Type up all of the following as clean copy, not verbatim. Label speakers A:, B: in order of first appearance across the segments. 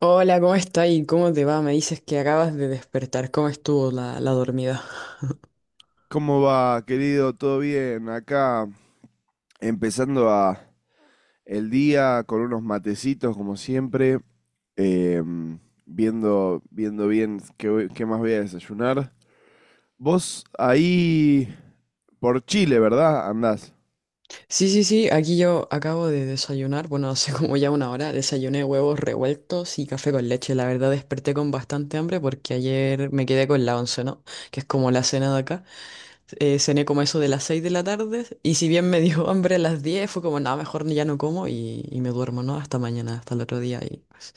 A: Hola, ¿cómo está y cómo te va? Me dices que acabas de despertar. ¿Cómo estuvo la dormida?
B: ¿Cómo va, querido? ¿Todo bien? Acá empezando a el día con unos matecitos, como siempre, em, viendo bien qué, qué más voy a desayunar. Vos ahí por Chile, ¿verdad? Andás.
A: Sí, sí, sí, aquí yo acabo de desayunar. Bueno, hace como ya una hora. Desayuné huevos revueltos y café con leche. La verdad desperté con bastante hambre porque ayer me quedé con la once, ¿no? Que es como la cena de acá. Cené como eso de las 6 de la tarde y si bien me dio hambre a las 10 fue como, nada, mejor ya no como y me duermo, ¿no? Hasta mañana, hasta el otro día. Y pues,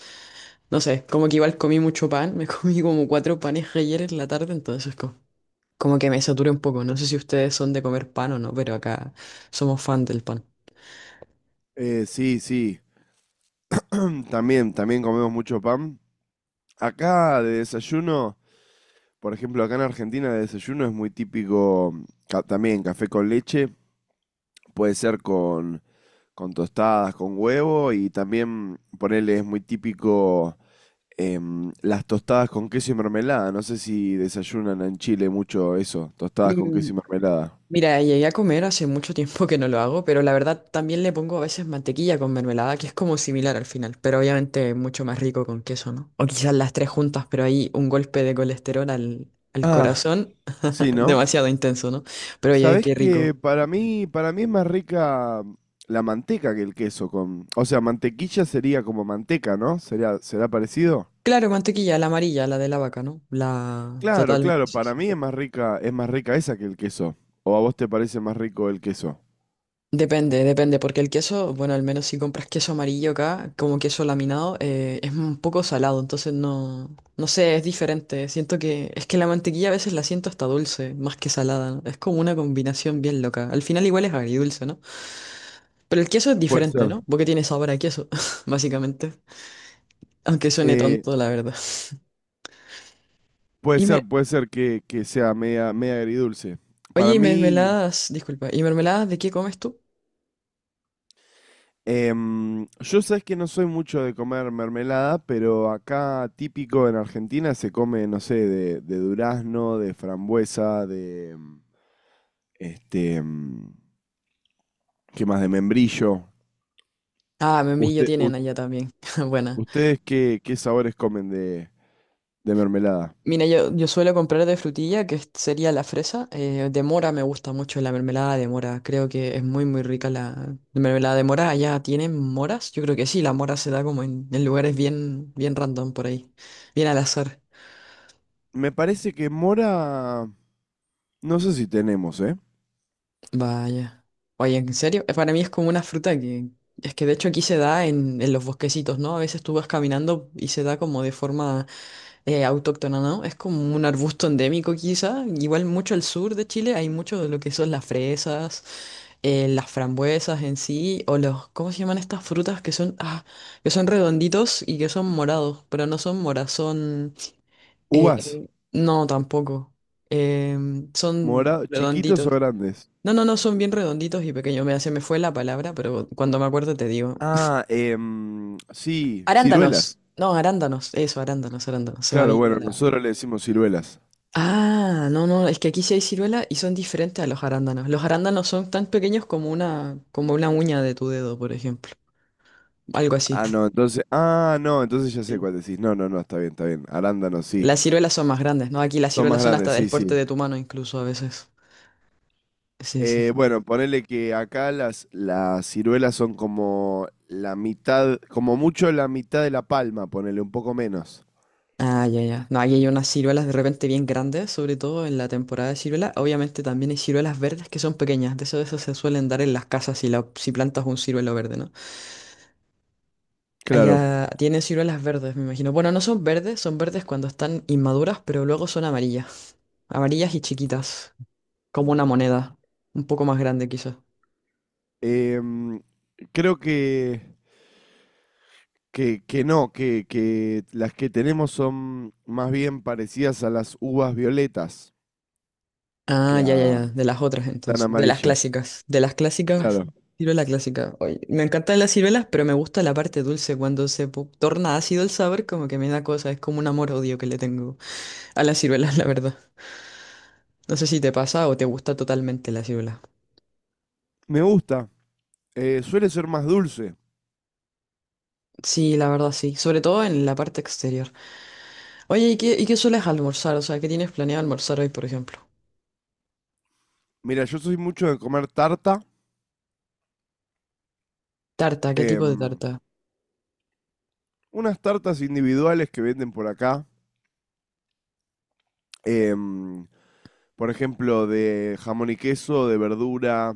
A: no sé, como que igual comí mucho pan. Me comí como cuatro panes ayer en la tarde, entonces como, como que me saturé un poco. No sé si ustedes son de comer pan o no, pero acá somos fan del pan.
B: Sí, sí. También, también comemos mucho pan. Acá de desayuno, por ejemplo, acá en Argentina de desayuno es muy típico también café con leche. Puede ser con tostadas, con huevo y también ponerle es muy típico, las tostadas con queso y mermelada. No sé si desayunan en Chile mucho eso, tostadas con
A: Mm,
B: queso y mermelada.
A: mira, llegué a comer hace mucho tiempo que no lo hago, pero la verdad también le pongo a veces mantequilla con mermelada, que es como similar al final, pero obviamente mucho más rico con queso, ¿no? O quizás las tres juntas, pero ahí un golpe de colesterol al
B: Ah,
A: corazón,
B: sí, ¿no?
A: demasiado intenso, ¿no? Pero oye,
B: Sabés
A: qué
B: que
A: rico.
B: para mí es más rica, la manteca que el queso con, o sea, mantequilla sería como manteca, ¿no? ¿Sería, será parecido?
A: Claro, mantequilla, la amarilla, la de la vaca, ¿no? La
B: Claro,
A: total,
B: claro,
A: sí,
B: para
A: sí.
B: mí es más rica esa que el queso. ¿O a vos te parece más rico el queso?
A: Depende, depende, porque el queso, bueno, al menos si compras queso amarillo acá, como queso laminado, es un poco salado, entonces no, no sé, es diferente. Siento que es que la mantequilla a veces la siento hasta dulce, más que salada, ¿no? Es como una combinación bien loca. Al final igual es agridulce, ¿no? Pero el queso es
B: Puede
A: diferente,
B: ser.
A: ¿no? Porque tiene sabor a queso, básicamente. Aunque suene
B: Eh,
A: tonto, la verdad.
B: Puede
A: Y me,
B: ser, puede ser que sea media, media agridulce.
A: oye,
B: Para
A: y
B: mí,
A: mermeladas, disculpa, ¿y mermeladas de qué comes tú?
B: yo sabes que no soy mucho de comer mermelada, pero acá típico en Argentina se come, no sé, de durazno, de frambuesa, de este, ¿qué más? De membrillo.
A: Ah, membrillo
B: Usted, u-
A: tienen allá también. Buena.
B: ¿Ustedes qué, qué sabores comen de mermelada?
A: Mira, yo suelo comprar de frutilla, que es- sería la fresa. De mora me gusta mucho la mermelada de mora. Creo que es muy rica la mermelada de mora. ¿Allá tienen moras? Yo creo que sí, la mora se da como en lugares bien, bien random por ahí. Bien al azar.
B: Me parece que mora, no sé si tenemos, ¿eh?
A: Vaya. Oye, ¿en serio? Para mí es como una fruta que... Es que de hecho aquí se da en los bosquecitos, ¿no? A veces tú vas caminando y se da como de forma autóctona, ¿no? Es como un arbusto endémico quizá. Igual mucho al sur de Chile hay mucho de lo que son las fresas, las frambuesas en sí, o los, ¿cómo se llaman estas frutas que son, ah, que son redonditos y que son morados, pero no son moras, son,
B: Uvas,
A: eh, no, tampoco. Son
B: mora, chiquitos o
A: redonditos.
B: grandes.
A: No, no, no, son bien redonditos y pequeños. Me se me fue la palabra, pero cuando me acuerdo te digo.
B: Ah, sí. Ciruelas.
A: Arándanos. No, arándanos. Eso, arándanos, arándanos. Se me había
B: Claro,
A: ido
B: bueno,
A: la...
B: nosotros le decimos ciruelas.
A: Ah, no, no, es que aquí sí hay ciruela y son diferentes a los arándanos. Los arándanos son tan pequeños como una uña de tu dedo, por ejemplo. Algo así.
B: Ah, no, entonces. Ah, no, entonces ya sé
A: Sí.
B: cuál decís. No, no, no, está bien, está bien. Arándanos, sí.
A: Las ciruelas son más grandes, ¿no? Aquí las
B: Son más
A: ciruelas son
B: grandes,
A: hasta del
B: sí,
A: porte
B: sí.
A: de tu mano incluso a veces. Sí, sí, sí.
B: Bueno, ponele que acá las ciruelas son como la mitad, como mucho la mitad de la palma, ponele un poco menos.
A: Ah, ya, ya. No, aquí hay unas ciruelas de repente bien grandes, sobre todo en la temporada de ciruela. Obviamente también hay ciruelas verdes que son pequeñas. De eso se suelen dar en las casas si, la, si plantas un ciruelo verde, ¿no?
B: Claro.
A: Allá tiene ciruelas verdes, me imagino. Bueno, no son verdes, son verdes cuando están inmaduras, pero luego son amarillas. Amarillas y chiquitas, como una moneda, un poco más grande quizás.
B: Em, creo que no, que las que tenemos son más bien parecidas a las uvas violetas
A: Ah,
B: que
A: ya, ya,
B: a,
A: ya, de las otras
B: tan
A: entonces,
B: amarillas.
A: de las clásicas,
B: Claro.
A: ciruela clásica. Oye, me encantan las ciruelas, pero me gusta la parte dulce, cuando se po- torna ácido el sabor, como que me da cosa, es como un amor-odio que le tengo a las ciruelas, la verdad. No sé si te pasa o te gusta totalmente la ciruela.
B: Me gusta. Suele ser más dulce.
A: Sí, la verdad sí, sobre todo en la parte exterior. Oye, ¿y qué sueles almorzar? O sea, ¿qué tienes planeado almorzar hoy, por ejemplo?
B: Mira, yo soy mucho de comer tarta.
A: Tarta, ¿qué tipo de
B: em,
A: tarta?
B: Unas tartas individuales que venden por acá. em, por ejemplo, de jamón y queso, de verdura,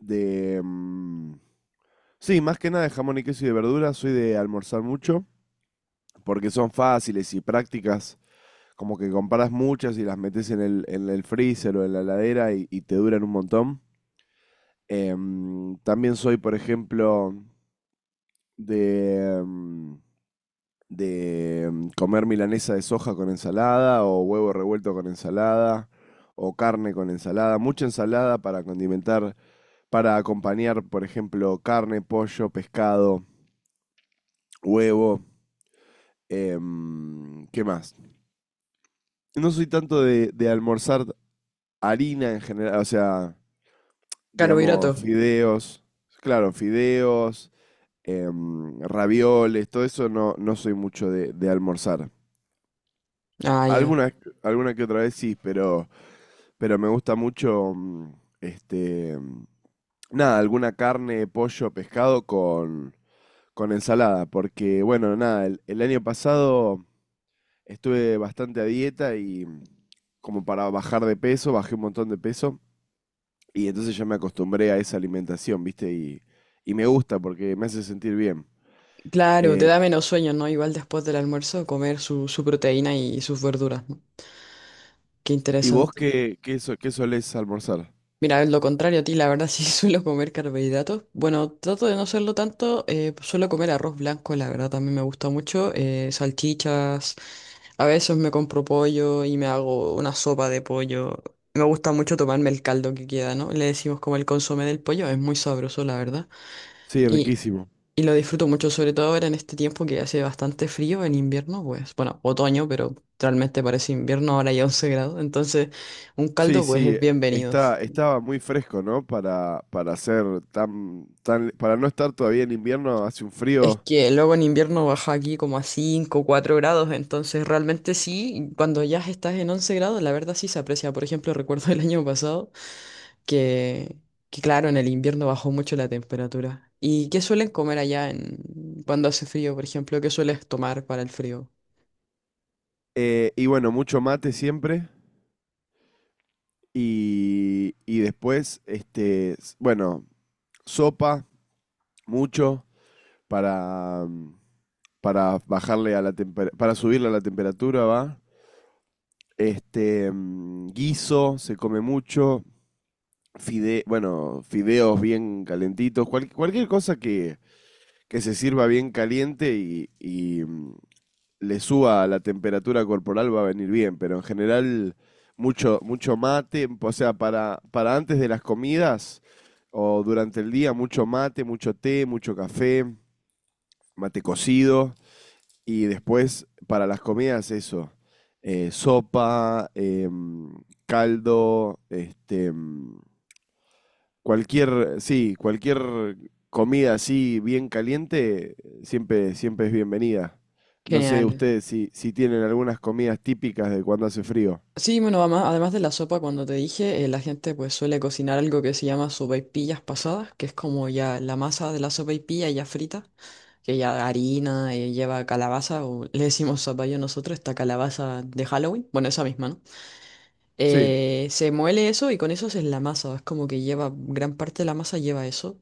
B: de... sí, más que nada de jamón y queso y de verdura. Soy de almorzar mucho porque son fáciles y prácticas. Como que compras muchas y las metes en el freezer o en la heladera y te duran un montón. También soy, por ejemplo, de, mm, de comer milanesa de soja con ensalada o huevo revuelto con ensalada o carne con ensalada, mucha ensalada para condimentar, para acompañar, por ejemplo, carne, pollo, pescado, huevo, ¿qué más? No soy tanto de almorzar harina en general, o sea, digamos,
A: Carbohidrato.
B: fideos, claro, fideos, ravioles, todo eso no, no soy mucho de almorzar.
A: Ah, ya.
B: Alguna, alguna que otra vez sí, pero me gusta mucho, este, mm, nada, alguna carne, pollo, pescado con ensalada, porque bueno, nada, el año pasado estuve bastante a dieta y, como para bajar de peso, bajé un montón de peso y entonces ya me acostumbré a esa alimentación, ¿viste? Y me gusta porque me hace sentir bien.
A: Claro, te
B: Eh,
A: da menos sueño, ¿no? Igual después del almuerzo comer su proteína y sus verduras, ¿no? Qué
B: ¿Y vos
A: interesante.
B: qué, qué, qué solés almorzar?
A: Mira, lo contrario a ti, la verdad sí suelo comer carbohidratos. Bueno, trato de no hacerlo tanto, suelo comer arroz blanco, la verdad también me gusta mucho, salchichas. A veces me compro pollo y me hago una sopa de pollo. Me gusta mucho tomarme el caldo que queda, ¿no? Le decimos como el consomé del pollo, es muy sabroso, la verdad.
B: Sí,
A: Y,
B: riquísimo.
A: y lo disfruto mucho, sobre todo ahora en este tiempo que hace bastante frío en invierno, pues, bueno, otoño, pero realmente parece invierno, ahora hay 11 grados, entonces un
B: Sí,
A: caldo pues es
B: sí,
A: bienvenido.
B: está, estaba muy fresco, ¿no? Para ser tan, tan, para no estar todavía en invierno, hace un
A: Es
B: frío.
A: que luego en invierno baja aquí como a 5, 4 grados, entonces realmente sí, cuando ya estás en 11 grados, la verdad sí se aprecia. Por ejemplo, recuerdo el año pasado. que, que claro, en el invierno bajó mucho la temperatura. ¿Y qué suelen comer allá en, cuando hace frío, por ejemplo? ¿Qué sueles tomar para el frío?
B: Y bueno, mucho mate siempre. Y después, este, bueno, sopa, mucho, para, para bajarle a la temperatura, para subirle a la temperatura, ¿va? Este, guiso, se come mucho. Bueno, fideos bien calentitos, cualquier cosa que se sirva bien caliente y, le suba a la temperatura corporal va a venir bien, pero en general mucho, mucho mate, o sea, para antes de las comidas o durante el día mucho mate, mucho té, mucho café, mate cocido y después para las comidas eso, sopa, caldo, este, cualquier, sí, cualquier comida así bien caliente siempre, siempre es bienvenida. No sé
A: Genial.
B: ustedes si, si tienen algunas comidas típicas de cuando hace frío.
A: Sí, bueno, ama- además de la sopa, cuando te dije, la gente pues suele cocinar algo que se llama sopaipillas pasadas, que es como ya la masa de la sopaipilla ya frita, que ya harina, lleva calabaza, o le decimos zapallo nosotros, esta calabaza de Halloween, bueno, esa misma, ¿no?
B: Sí,
A: Se muele eso y con eso es la masa. Es como que lleva, gran parte de la masa lleva eso.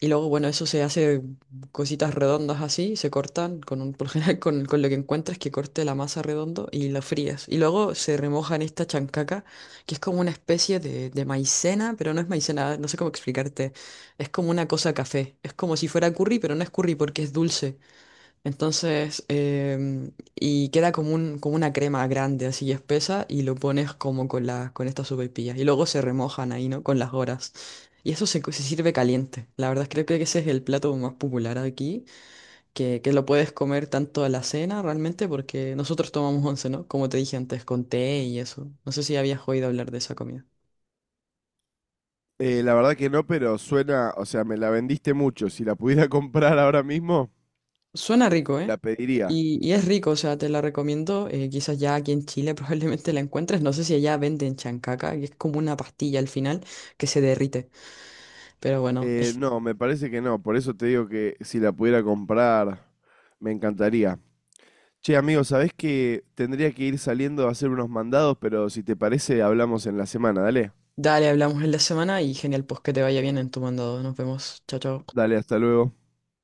A: Y luego, bueno, eso se hace cositas redondas así, se cortan con un, por lo general con lo que encuentras que corte la masa redondo y lo frías. Y luego se remoja en esta chancaca, que es como una especie de maicena, pero no es maicena, no sé cómo explicarte. Es como una cosa café. Es como si fuera curry, pero no es curry porque es dulce. Entonces, y queda como un, como una crema grande, así espesa, y lo pones como con la, con estas sopaipillas. Y luego se remojan ahí, ¿no? Con las horas. Y eso se, co- se sirve caliente. La verdad, creo, creo que ese es el plato más popular aquí, que lo puedes comer tanto a la cena realmente, porque nosotros tomamos once, ¿no? Como te dije antes, con té y eso. No sé si habías oído hablar de esa comida.
B: la verdad que no, pero suena, o sea, me la vendiste mucho. Si la pudiera comprar ahora mismo,
A: Suena rico, ¿eh?
B: la pediría.
A: Y es rico, o sea, te la recomiendo. Quizás ya aquí en Chile probablemente la encuentres. No sé si allá venden chancaca, que es como una pastilla al final que se derrite. Pero bueno, es-
B: No, me parece que no. Por eso te digo que si la pudiera comprar, me encantaría. Che, amigo, sabés que tendría que ir saliendo a hacer unos mandados, pero si te parece, hablamos en la semana. Dale,
A: dale, hablamos en la semana y genial, pues que te vaya bien en tu mandado. Nos vemos. Chao, chao.
B: dale, hasta luego.